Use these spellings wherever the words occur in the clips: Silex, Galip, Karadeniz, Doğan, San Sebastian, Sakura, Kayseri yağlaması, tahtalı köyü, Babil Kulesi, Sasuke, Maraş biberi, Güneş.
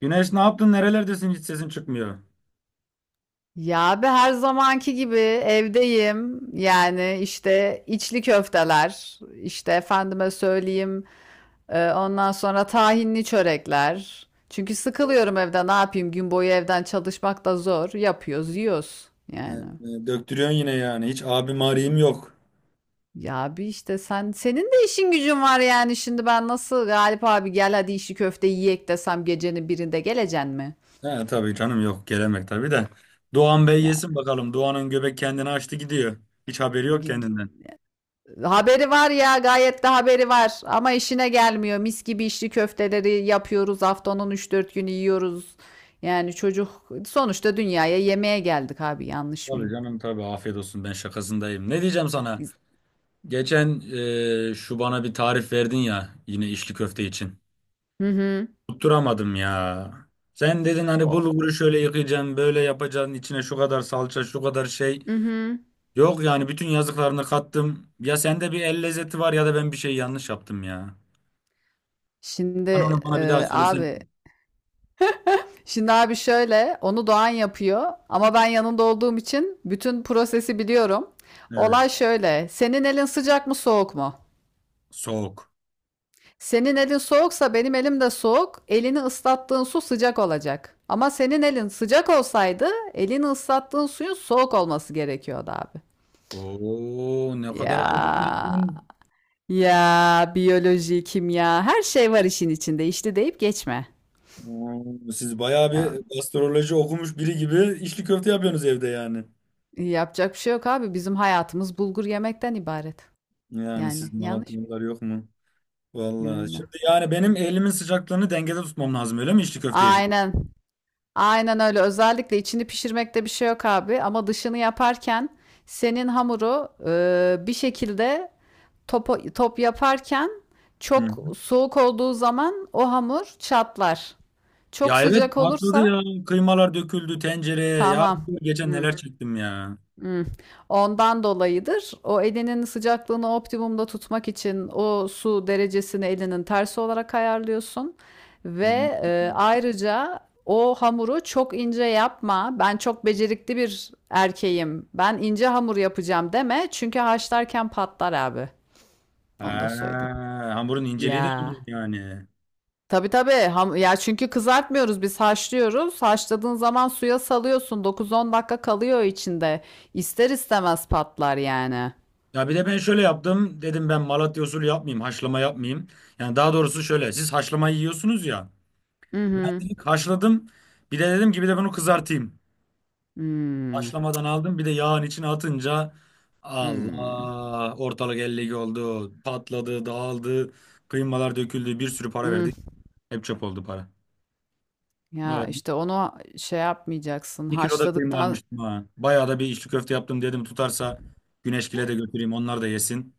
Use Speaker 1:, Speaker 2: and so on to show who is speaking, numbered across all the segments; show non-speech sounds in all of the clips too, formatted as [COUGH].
Speaker 1: Güneş ne yaptın? Nerelerdesin? Hiç sesin çıkmıyor.
Speaker 2: Ya abi her zamanki gibi evdeyim. Yani işte içli köfteler, işte efendime söyleyeyim, ondan sonra tahinli çörekler. Çünkü sıkılıyorum evde. Ne yapayım? Gün boyu evden çalışmak da zor. Yapıyoruz, yiyoruz yani.
Speaker 1: Döktürüyorsun yine yani. Hiç abim arayayım yok.
Speaker 2: Ya abi işte senin de işin gücün var yani. Şimdi ben nasıl Galip abi gel hadi içli köfte yiyek desem gecenin birinde geleceksin mi?
Speaker 1: He tabii canım yok. Gelemek tabii de. Doğan Bey yesin bakalım. Doğan'ın göbek kendini açtı gidiyor. Hiç haberi yok
Speaker 2: Yani
Speaker 1: kendinden.
Speaker 2: haberi var ya, gayet de haberi var ama işine gelmiyor. Mis gibi içli köfteleri yapıyoruz, haftanın 3-4 günü yiyoruz. Yani çocuk sonuçta dünyaya yemeğe geldik abi, yanlış
Speaker 1: Tabii
Speaker 2: mıyım?
Speaker 1: canım tabii afiyet olsun ben şakasındayım. Ne diyeceğim sana? Geçen şu bana bir tarif verdin ya yine içli köfte için.
Speaker 2: Hı hı.
Speaker 1: Tutturamadım ya. Sen dedin hani
Speaker 2: O.
Speaker 1: bulguru şöyle yıkayacaksın, böyle yapacaksın, içine şu kadar salça, şu kadar şey.
Speaker 2: Hı hı.
Speaker 1: Yok yani bütün yazdıklarını kattım. Ya sende bir el lezzeti var ya da ben bir şey yanlış yaptım ya. Sen
Speaker 2: Şimdi
Speaker 1: onu bana bir daha
Speaker 2: e,
Speaker 1: söylesen.
Speaker 2: abi abi şöyle, onu Doğan yapıyor ama ben yanında olduğum için bütün prosesi biliyorum.
Speaker 1: Evet.
Speaker 2: Olay şöyle. Senin elin sıcak mı soğuk mu?
Speaker 1: Soğuk.
Speaker 2: Senin elin soğuksa benim elim de soğuk. Elini ıslattığın su sıcak olacak. Ama senin elin sıcak olsaydı elini ıslattığın suyun soğuk olması gerekiyordu abi.
Speaker 1: Oo, ne kadar
Speaker 2: Ya
Speaker 1: aydın.
Speaker 2: ya biyoloji, kimya her şey var işin içinde. İşte deyip geçme.
Speaker 1: Oo, siz bayağı
Speaker 2: Ya,
Speaker 1: bir gastroloji okumuş biri gibi içli köfte yapıyorsunuz evde yani.
Speaker 2: yapacak bir şey yok abi. Bizim hayatımız bulgur yemekten ibaret.
Speaker 1: Yani
Speaker 2: Yani
Speaker 1: siz
Speaker 2: yanlış
Speaker 1: Malatyalılar yok mu?
Speaker 2: mı?
Speaker 1: Vallahi.
Speaker 2: Öyle.
Speaker 1: Şimdi yani benim elimin sıcaklığını dengede tutmam lazım öyle mi içli köfteye?
Speaker 2: Aynen. Aynen öyle. Özellikle içini pişirmekte bir şey yok abi. Ama dışını yaparken senin hamuru bir şekilde top, top yaparken
Speaker 1: Hı hı.
Speaker 2: çok soğuk olduğu zaman o hamur çatlar. Çok
Speaker 1: Ya evet,
Speaker 2: sıcak
Speaker 1: patladı
Speaker 2: olursa
Speaker 1: ya. Kıymalar döküldü tencereye. Ya
Speaker 2: tamam.
Speaker 1: geçen
Speaker 2: Hı.
Speaker 1: neler çektim ya.
Speaker 2: Hımm. Ondan dolayıdır. O elinin sıcaklığını optimumda tutmak için o su derecesini elinin tersi olarak ayarlıyorsun
Speaker 1: Hı hı.
Speaker 2: ayrıca o hamuru çok ince yapma. Ben çok becerikli bir erkeğim, ben ince hamur yapacağım deme çünkü haşlarken patlar abi. Onu da
Speaker 1: Ha,
Speaker 2: söyleyeyim.
Speaker 1: hamurun inceliği de
Speaker 2: Ya.
Speaker 1: önemli yani.
Speaker 2: Tabii tabii. Ham ya çünkü kızartmıyoruz, biz haşlıyoruz. Haşladığın zaman suya salıyorsun, 9-10 dakika kalıyor içinde. İster istemez patlar yani.
Speaker 1: Ya bir de ben şöyle yaptım. Dedim ben Malatya usulü yapmayayım. Haşlama yapmayayım. Yani daha doğrusu şöyle. Siz haşlama yiyorsunuz ya.
Speaker 2: Hı
Speaker 1: Ben
Speaker 2: hı.
Speaker 1: direkt haşladım. Bir de dedim ki bir de bunu kızartayım.
Speaker 2: Hımm.
Speaker 1: Haşlamadan aldım. Bir de yağın içine atınca
Speaker 2: Hımm.
Speaker 1: Allah, ortalık ellik oldu. Patladı, dağıldı. Kıymalar döküldü. Bir sürü para verdik. Hep çöp oldu para.
Speaker 2: Ya,
Speaker 1: Vallahi bir
Speaker 2: işte, onu şey yapmayacaksın,
Speaker 1: bir kilo da kıyma
Speaker 2: haşladıktan.
Speaker 1: almıştım ha. Bayağı da bir içli köfte yaptım dedim tutarsa Güneşgil'e de götüreyim onlar da yesin.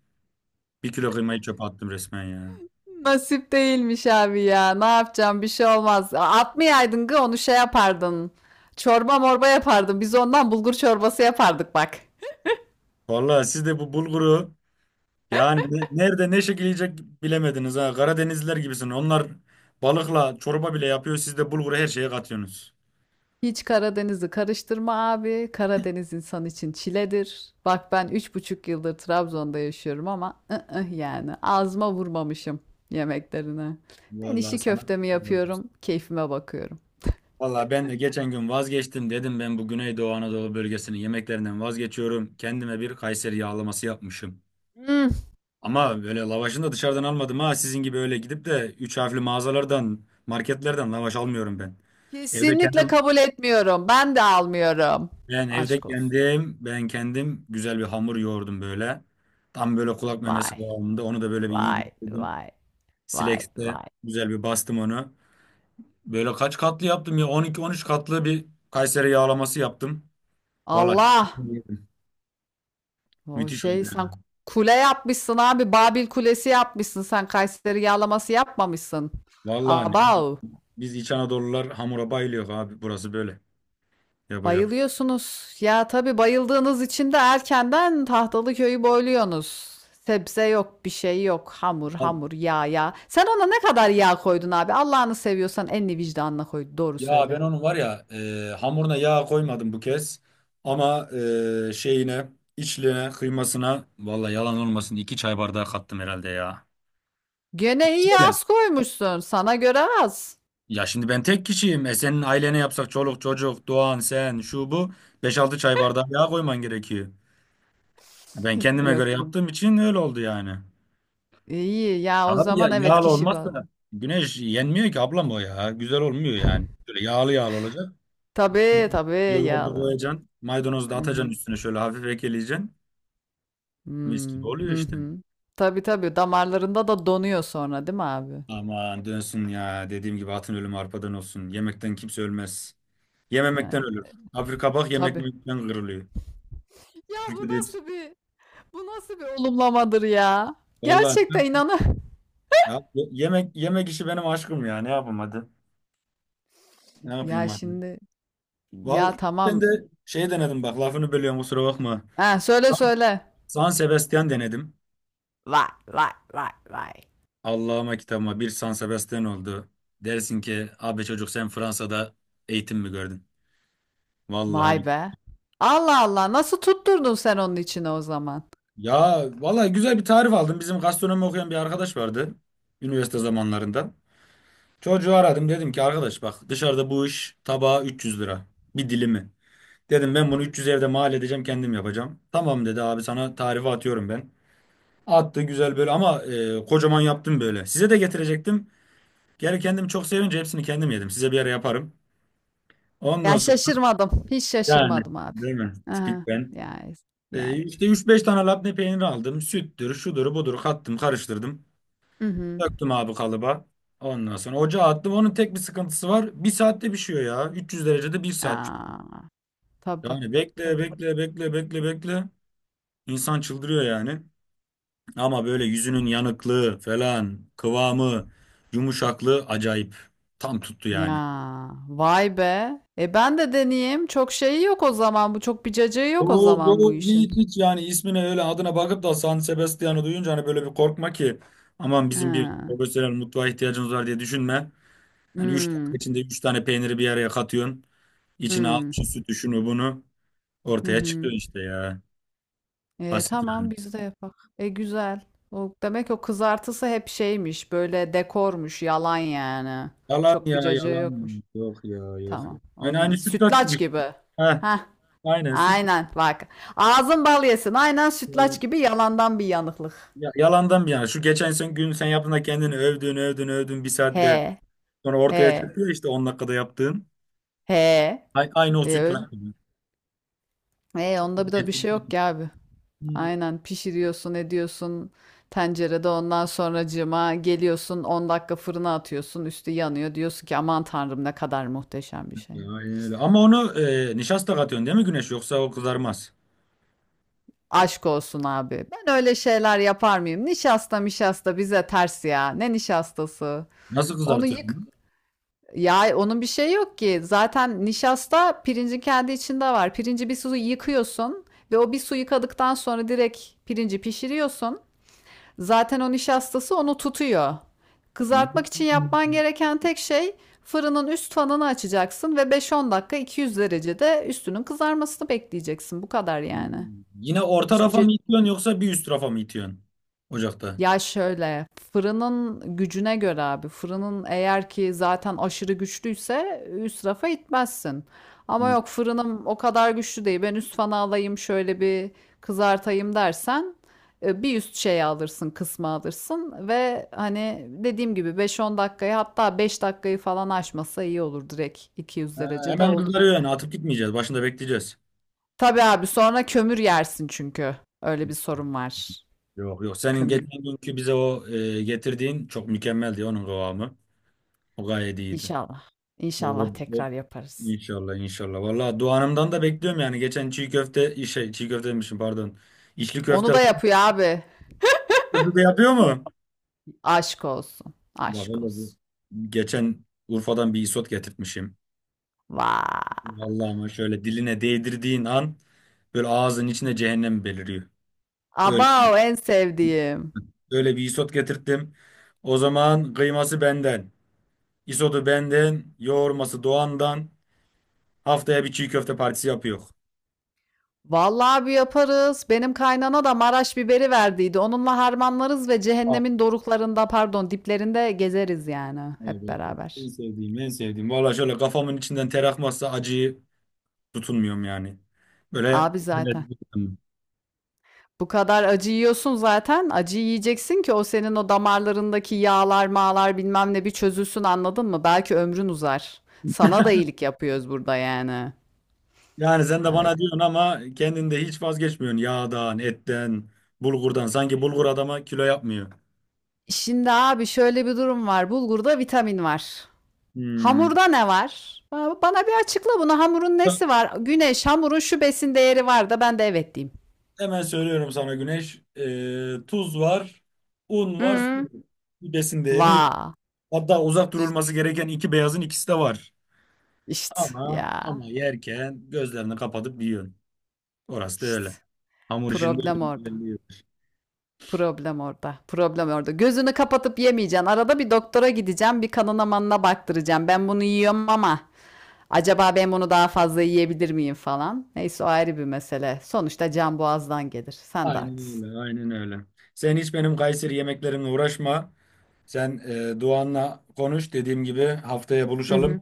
Speaker 1: Bir kilo kıymayı çöpe attım resmen ya.
Speaker 2: [LAUGHS] Nasip değilmiş abi ya. Ne yapacağım? Bir şey olmaz. Atmayaydın gı, onu şey yapardın. Çorba morba yapardın. Biz ondan bulgur çorbası yapardık bak.
Speaker 1: Vallahi siz de bu bulguru yani nerede ne şekil yiyecek bilemediniz ha. Karadenizliler gibisin. Onlar balıkla çorba bile yapıyor. Siz de bulguru her şeye katıyorsunuz.
Speaker 2: Hiç Karadeniz'i karıştırma abi. Karadeniz insan için çiledir. Bak ben 3,5 yıldır Trabzon'da yaşıyorum ama ı-ıh, yani ağzıma vurmamışım yemeklerine. Ben
Speaker 1: Vallahi
Speaker 2: içli
Speaker 1: sana.
Speaker 2: köftemi yapıyorum, keyfime bakıyorum.
Speaker 1: Vallahi ben de geçen gün vazgeçtim, dedim ben bu Güneydoğu Anadolu bölgesinin yemeklerinden vazgeçiyorum. Kendime bir Kayseri yağlaması yapmışım.
Speaker 2: Hmm,
Speaker 1: Ama böyle lavaşını da dışarıdan almadım ha. Sizin gibi öyle gidip de üç harfli mağazalardan, marketlerden lavaş almıyorum ben. Evde
Speaker 2: kesinlikle
Speaker 1: kendim
Speaker 2: kabul etmiyorum. Ben de almıyorum.
Speaker 1: Ben evde
Speaker 2: Aşk olsun.
Speaker 1: kendim, ben kendim güzel bir hamur yoğurdum böyle. Tam böyle kulak memesi
Speaker 2: Vay,
Speaker 1: kıvamında. Onu da böyle bir iyi
Speaker 2: vay,
Speaker 1: bitirdim.
Speaker 2: vay, vay,
Speaker 1: Silex'te
Speaker 2: vay.
Speaker 1: güzel bir bastım onu. Böyle kaç katlı yaptım ya? 12-13 katlı bir Kayseri yağlaması yaptım. Vallahi
Speaker 2: Allah! O
Speaker 1: müthiş oldu
Speaker 2: şey sen
Speaker 1: yani.
Speaker 2: kule yapmışsın abi. Babil Kulesi yapmışsın. Sen Kayseri yağlaması yapmamışsın.
Speaker 1: Vallahi ne yapayım?
Speaker 2: Abav.
Speaker 1: Biz İç Anadolular hamura bayılıyor abi. Burası böyle. Yapacak.
Speaker 2: Bayılıyorsunuz. Ya tabii, bayıldığınız için de erkenden tahtalı köyü boyluyorsunuz. Sebze yok, bir şey yok. Hamur, hamur, yağ, yağ. Sen ona ne kadar yağ koydun abi? Allah'ını seviyorsan elini vicdanına koy. Doğru
Speaker 1: Ya ben
Speaker 2: söyle.
Speaker 1: onun var ya hamuruna yağ koymadım bu kez. Ama e, şeyine, içliğine, kıymasına vallahi yalan olmasın iki çay bardağı kattım herhalde ya.
Speaker 2: Gene iyi
Speaker 1: Söyle.
Speaker 2: az koymuşsun. Sana göre az.
Speaker 1: Ya şimdi ben tek kişiyim. Senin ailene yapsak çoluk çocuk, Doğan, sen, şu bu, beş altı çay bardağı yağ koyman gerekiyor. Ben
Speaker 2: [LAUGHS]
Speaker 1: kendime
Speaker 2: Yok
Speaker 1: göre
Speaker 2: ya.
Speaker 1: yaptığım için öyle oldu yani.
Speaker 2: İyi ya o
Speaker 1: Abi ya,
Speaker 2: zaman, evet,
Speaker 1: yağlı
Speaker 2: kişi bazlı.
Speaker 1: olmazsa güneş yenmiyor ki ablam o ya. Güzel olmuyor yani. Böyle yağlı yağlı olacak.
Speaker 2: Tabii tabii
Speaker 1: Yoğurdu
Speaker 2: yağlı.
Speaker 1: koyacaksın. Maydanozu da
Speaker 2: Hı
Speaker 1: atacaksın
Speaker 2: hı.
Speaker 1: üstüne şöyle hafif ekleyeceksin. Mis
Speaker 2: Hmm,
Speaker 1: gibi oluyor
Speaker 2: hı
Speaker 1: işte.
Speaker 2: hı. Tabii tabii damarlarında da donuyor sonra, değil mi abi?
Speaker 1: Aman dönsün ya. Dediğim gibi atın ölümü arpadan olsun. Yemekten kimse ölmez. Yememekten
Speaker 2: Yani
Speaker 1: ölür. Afrika bak yemek
Speaker 2: tabii.
Speaker 1: yemekten kırılıyor.
Speaker 2: Ya bu
Speaker 1: Türkiye'de hiç.
Speaker 2: nasıl bir Bu nasıl bir olumlamadır ya? Gerçekten
Speaker 1: Vallahi
Speaker 2: inanı. [LAUGHS]
Speaker 1: ya, yemek yemek işi benim aşkım ya. Ne yapayım hadi. Ne yapayım
Speaker 2: Ya
Speaker 1: hadi.
Speaker 2: şimdi Ya
Speaker 1: Vallahi ben de
Speaker 2: tamam.
Speaker 1: şey denedim, bak lafını bölüyorum kusura bakma.
Speaker 2: Ha, söyle söyle.
Speaker 1: San Sebastian denedim.
Speaker 2: Vay vay vay vay.
Speaker 1: Allah'ıma kitabıma bir San Sebastian oldu. Dersin ki abi çocuk sen Fransa'da eğitim mi gördün?
Speaker 2: Vay
Speaker 1: Vallahi.
Speaker 2: be. Allah Allah, nasıl tutturdun sen onun içine o zaman?
Speaker 1: Ya vallahi güzel bir tarif aldım. Bizim gastronomi okuyan bir arkadaş vardı üniversite zamanlarında. Çocuğu aradım dedim ki arkadaş bak dışarıda bu iş tabağı 300 lira bir dilimi. Dedim
Speaker 2: Hı
Speaker 1: ben bunu
Speaker 2: hı.
Speaker 1: 300 evde mal edeceğim, kendim yapacağım. Tamam dedi abi, sana tarifi atıyorum ben. Attı güzel böyle ama kocaman yaptım böyle. Size de getirecektim. Geri kendim çok sevince hepsini kendim yedim. Size bir ara yaparım. Ondan
Speaker 2: Ya,
Speaker 1: sonra
Speaker 2: şaşırmadım. Hiç
Speaker 1: yani,
Speaker 2: şaşırmadım abi.
Speaker 1: değil mi?
Speaker 2: Hı hı.
Speaker 1: Tipik ben.
Speaker 2: Yani yani.
Speaker 1: İşte üç beş tane labne peyniri aldım. Süttür, şudur, budur kattım, karıştırdım.
Speaker 2: Hı hı.
Speaker 1: Döktüm abi kalıba. Ondan sonra ocağa attım. Onun tek bir sıkıntısı var. Bir saatte pişiyor ya. 300 derecede bir saat
Speaker 2: A! Tabii,
Speaker 1: pişiyor. Yani bekle
Speaker 2: tabii.
Speaker 1: bekle bekle bekle bekle. İnsan çıldırıyor yani. Ama böyle yüzünün yanıklığı falan, kıvamı, yumuşaklığı acayip. Tam tuttu yani.
Speaker 2: Ya, vay be! E, ben de deneyeyim. Çok şeyi yok o zaman bu, çok bir cacığı yok o
Speaker 1: Oo,
Speaker 2: zaman bu
Speaker 1: oo,
Speaker 2: işin.
Speaker 1: hiç, hiç, yani ismine öyle adına bakıp da San Sebastian'ı duyunca hani böyle bir korkma ki aman bizim bir
Speaker 2: Hıı.
Speaker 1: profesyonel mutfağa ihtiyacımız var diye düşünme. Yani 3 dakika
Speaker 2: Hımm.
Speaker 1: içinde 3 tane peyniri bir araya katıyorsun. İçine al
Speaker 2: Hımm.
Speaker 1: şu sütü şunu bunu,
Speaker 2: Hı
Speaker 1: ortaya çıkıyor
Speaker 2: hı.
Speaker 1: işte ya.
Speaker 2: E,
Speaker 1: Basit yani.
Speaker 2: tamam biz de yapak. E, güzel. O demek o kızartısı hep şeymiş, böyle dekormuş, yalan yani.
Speaker 1: Yalan
Speaker 2: Çok
Speaker 1: ya
Speaker 2: bir cacığı
Speaker 1: yalan.
Speaker 2: yokmuş.
Speaker 1: Yok ya yok, ya.
Speaker 2: Tamam. O
Speaker 1: Yani
Speaker 2: zaman
Speaker 1: aynı sütlaç
Speaker 2: sütlaç
Speaker 1: gibi.
Speaker 2: gibi.
Speaker 1: Heh,
Speaker 2: Heh.
Speaker 1: aynen süt.
Speaker 2: Aynen bak. Ağzın bal yesin. Aynen sütlaç gibi yalandan bir yanıklık.
Speaker 1: Ya, yalandan bir yana. Şu geçen sen gün sen yaptığında kendini övdün övdün övdün, bir saatte
Speaker 2: He.
Speaker 1: sonra ortaya
Speaker 2: He.
Speaker 1: çıkıyor işte 10 dakikada yaptığın.
Speaker 2: He.
Speaker 1: Aynı o
Speaker 2: E öyle.
Speaker 1: sütlaç gibi.
Speaker 2: E onda bir de bir şey yok ki abi.
Speaker 1: Hmm.
Speaker 2: Aynen pişiriyorsun, ediyorsun tencerede, ondan sonracığıma geliyorsun, 10 dakika fırına atıyorsun, üstü yanıyor, diyorsun ki aman tanrım ne kadar muhteşem bir şey.
Speaker 1: Ya, aynen öyle. Ama onu nişasta katıyorsun değil mi Güneş? Yoksa o kızarmaz.
Speaker 2: Aşk olsun abi. Ben öyle şeyler yapar mıyım? Nişasta mişasta bize ters ya. Ne nişastası?
Speaker 1: Nasıl
Speaker 2: Onu yık
Speaker 1: kızartıyorsun?
Speaker 2: Ya onun bir şey yok ki. Zaten nişasta pirincin kendi içinde var. Pirinci bir su yıkıyorsun ve o bir su yıkadıktan sonra direkt pirinci pişiriyorsun. Zaten o nişastası onu tutuyor.
Speaker 1: Onu?
Speaker 2: Kızartmak için
Speaker 1: Hmm.
Speaker 2: yapman gereken tek şey fırının üst fanını açacaksın ve 5-10 dakika 200 derecede üstünün kızarmasını bekleyeceksin. Bu kadar yani.
Speaker 1: Hmm. Yine orta
Speaker 2: Hiçbir
Speaker 1: rafa mı itiyorsun yoksa bir üst rafa mı itiyorsun ocakta?
Speaker 2: Ya şöyle, fırının gücüne göre abi, fırının eğer ki zaten aşırı güçlüyse üst rafa itmezsin. Ama
Speaker 1: Hmm.
Speaker 2: yok, fırınım o kadar güçlü değil, ben üst fanı alayım şöyle bir kızartayım dersen bir üst şeyi alırsın, kısmı alırsın ve hani dediğim gibi 5-10 dakikayı hatta 5 dakikayı falan aşmasa iyi olur, direkt 200
Speaker 1: Ha,
Speaker 2: derecede
Speaker 1: hemen
Speaker 2: oldu
Speaker 1: kızarıyor yani,
Speaker 2: bitti.
Speaker 1: atıp gitmeyeceğiz. Başında bekleyeceğiz.
Speaker 2: Tabii abi sonra kömür yersin çünkü öyle bir sorun var.
Speaker 1: Yok yok, senin
Speaker 2: kömür
Speaker 1: geçen günkü bize o getirdiğin çok mükemmeldi, onun kıvamı. O gayet iyiydi.
Speaker 2: inşallah
Speaker 1: O,
Speaker 2: inşallah
Speaker 1: o, o-
Speaker 2: tekrar yaparız.
Speaker 1: İnşallah inşallah. Vallahi duanımdan da bekliyorum yani. Geçen çiğ köfte şey çiğ köfte demişim, pardon. İçli köfte
Speaker 2: Onu
Speaker 1: laf
Speaker 2: da yapıyor abi.
Speaker 1: köfte de yapıyor mu?
Speaker 2: Aşk olsun.
Speaker 1: Bak
Speaker 2: Aşk
Speaker 1: hele bu.
Speaker 2: olsun.
Speaker 1: Geçen Urfa'dan bir isot getirtmişim.
Speaker 2: Vay.
Speaker 1: Vallahi ama şöyle diline değdirdiğin an böyle ağzın içine cehennem beliriyor. Öyle,
Speaker 2: Abav, en sevdiğim.
Speaker 1: öyle bir isot getirttim. O zaman kıyması benden, isotu benden, yoğurması Doğan'dan. Haftaya bir çiğ köfte partisi yapıyor.
Speaker 2: Vallahi bir yaparız. Benim kaynana da Maraş biberi verdiydi. Onunla harmanlarız ve
Speaker 1: Ah,
Speaker 2: cehennemin doruklarında, pardon, diplerinde gezeriz yani
Speaker 1: evet,
Speaker 2: hep
Speaker 1: evet. Evet. En
Speaker 2: beraber.
Speaker 1: sevdiğim, en sevdiğim. Vallahi şöyle kafamın içinden ter akmazsa acıyı tutunmuyorum yani. Böyle
Speaker 2: Abi zaten. Bu kadar acı yiyorsun zaten. Acı yiyeceksin ki o senin o damarlarındaki yağlar mağlar bilmem ne bir çözülsün, anladın mı? Belki ömrün uzar. Sana da iyilik yapıyoruz burada yani.
Speaker 1: yani, sen de bana
Speaker 2: Öyle.
Speaker 1: diyorsun ama kendin de hiç vazgeçmiyorsun yağdan, etten, bulgurdan. Sanki bulgur adama kilo yapmıyor.
Speaker 2: Şimdi abi şöyle bir durum var. Bulgurda vitamin var.
Speaker 1: Hmm.
Speaker 2: Hamurda ne var? Ba- bana bir açıkla bunu. Hamurun nesi var? Güneş, hamurun şu besin değeri var da ben de evet diyeyim.
Speaker 1: Hemen söylüyorum sana Güneş. Tuz var, un var, su
Speaker 2: Hı.
Speaker 1: var. Bir besin değeri yok.
Speaker 2: Va.
Speaker 1: Hatta uzak
Speaker 2: İşte,
Speaker 1: durulması gereken iki beyazın ikisi de var.
Speaker 2: işte
Speaker 1: Ama
Speaker 2: ya.
Speaker 1: ama yerken gözlerini kapatıp yiyorsun. Orası da
Speaker 2: İşte
Speaker 1: öyle. Hamur işinde
Speaker 2: problem orada.
Speaker 1: öyle bir yer.
Speaker 2: Problem orada. Problem orada. Gözünü kapatıp yemeyeceksin. Arada bir doktora gideceğim. Bir kanına manına baktıracağım. Ben bunu yiyorum ama acaba ben bunu daha fazla yiyebilir miyim falan. Neyse o ayrı bir mesele. Sonuçta can boğazdan gelir. Sen de
Speaker 1: Aynen
Speaker 2: haklısın.
Speaker 1: öyle, aynen öyle. Sen hiç benim Kayseri yemeklerimle uğraşma. Sen Doğan'la konuş. Dediğim gibi haftaya
Speaker 2: Hı
Speaker 1: buluşalım.
Speaker 2: hı.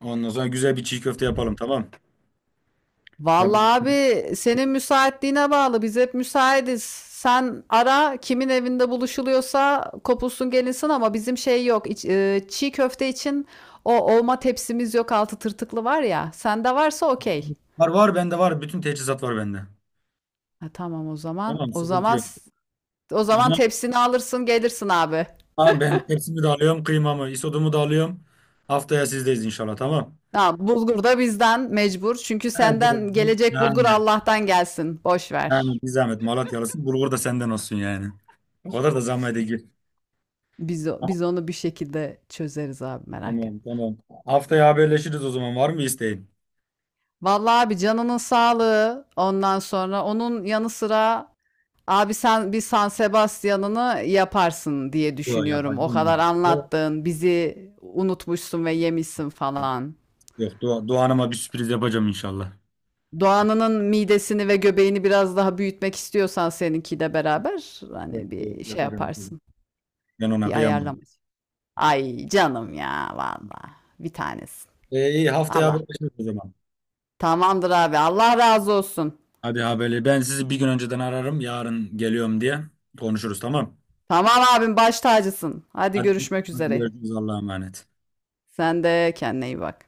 Speaker 1: Ondan sonra güzel bir çiğ köfte yapalım, tamam.
Speaker 2: Vallahi
Speaker 1: Haberin-
Speaker 2: abi senin müsaitliğine bağlı. Biz hep müsaitiz. Sen ara, kimin evinde buluşuluyorsa kopulsun gelinsin ama bizim şey yok. Çiğ köfte için o olma tepsimiz yok, altı tırtıklı var ya. Sende varsa okey.
Speaker 1: Var var bende var. Bütün teçhizat var bende.
Speaker 2: Ha, tamam o zaman.
Speaker 1: Tamam,
Speaker 2: O
Speaker 1: sıkıntı
Speaker 2: zaman
Speaker 1: yok.
Speaker 2: o
Speaker 1: O
Speaker 2: zaman
Speaker 1: zaman
Speaker 2: tepsini alırsın gelirsin abi.
Speaker 1: tamam, ben tepsimi de alıyorum, kıymamı, isodumu da alıyorum. Haftaya sizdeyiz inşallah, tamam.
Speaker 2: Ha, bulgur da bizden mecbur. Çünkü
Speaker 1: Evet,
Speaker 2: senden gelecek bulgur
Speaker 1: yani.
Speaker 2: Allah'tan gelsin. Boş
Speaker 1: Yani
Speaker 2: ver.
Speaker 1: bir zahmet Malatyalısın. Bulgur da senden olsun yani. O kadar da zahmet değil.
Speaker 2: Biz,
Speaker 1: Tamam,
Speaker 2: biz onu bir şekilde çözeriz abi, merak
Speaker 1: tamam.
Speaker 2: etme.
Speaker 1: Tamam. Haftaya haberleşiriz o zaman. Var mı isteğin?
Speaker 2: Vallahi abi, canının sağlığı, ondan sonra onun yanı sıra abi sen bir San Sebastian'ını yaparsın diye
Speaker 1: Yok,
Speaker 2: düşünüyorum. O kadar
Speaker 1: yapacağım. Yok
Speaker 2: anlattın, bizi unutmuşsun ve yemişsin falan.
Speaker 1: yok, Doğan'ıma bir sürpriz yapacağım inşallah.
Speaker 2: Doğan'ının midesini ve göbeğini biraz daha büyütmek istiyorsan seninki de beraber
Speaker 1: Evet,
Speaker 2: hani bir
Speaker 1: evet,
Speaker 2: şey
Speaker 1: yapacağım.
Speaker 2: yaparsın.
Speaker 1: Ben ona
Speaker 2: Bir
Speaker 1: kıyamam.
Speaker 2: ayarlama. Ay canım ya, vallahi bir tanesi.
Speaker 1: İyi haftaya
Speaker 2: Allah.
Speaker 1: haberleşiriz o zaman.
Speaker 2: Tamamdır abi. Allah razı olsun.
Speaker 1: Hadi haberle. Ben sizi bir gün önceden ararım. Yarın geliyorum diye konuşuruz, tamam.
Speaker 2: Tamam abim, baş tacısın. Hadi
Speaker 1: Hadi,
Speaker 2: görüşmek
Speaker 1: hadi
Speaker 2: üzere.
Speaker 1: görüşürüz, Allah'a emanet.
Speaker 2: Sen de kendine iyi bak.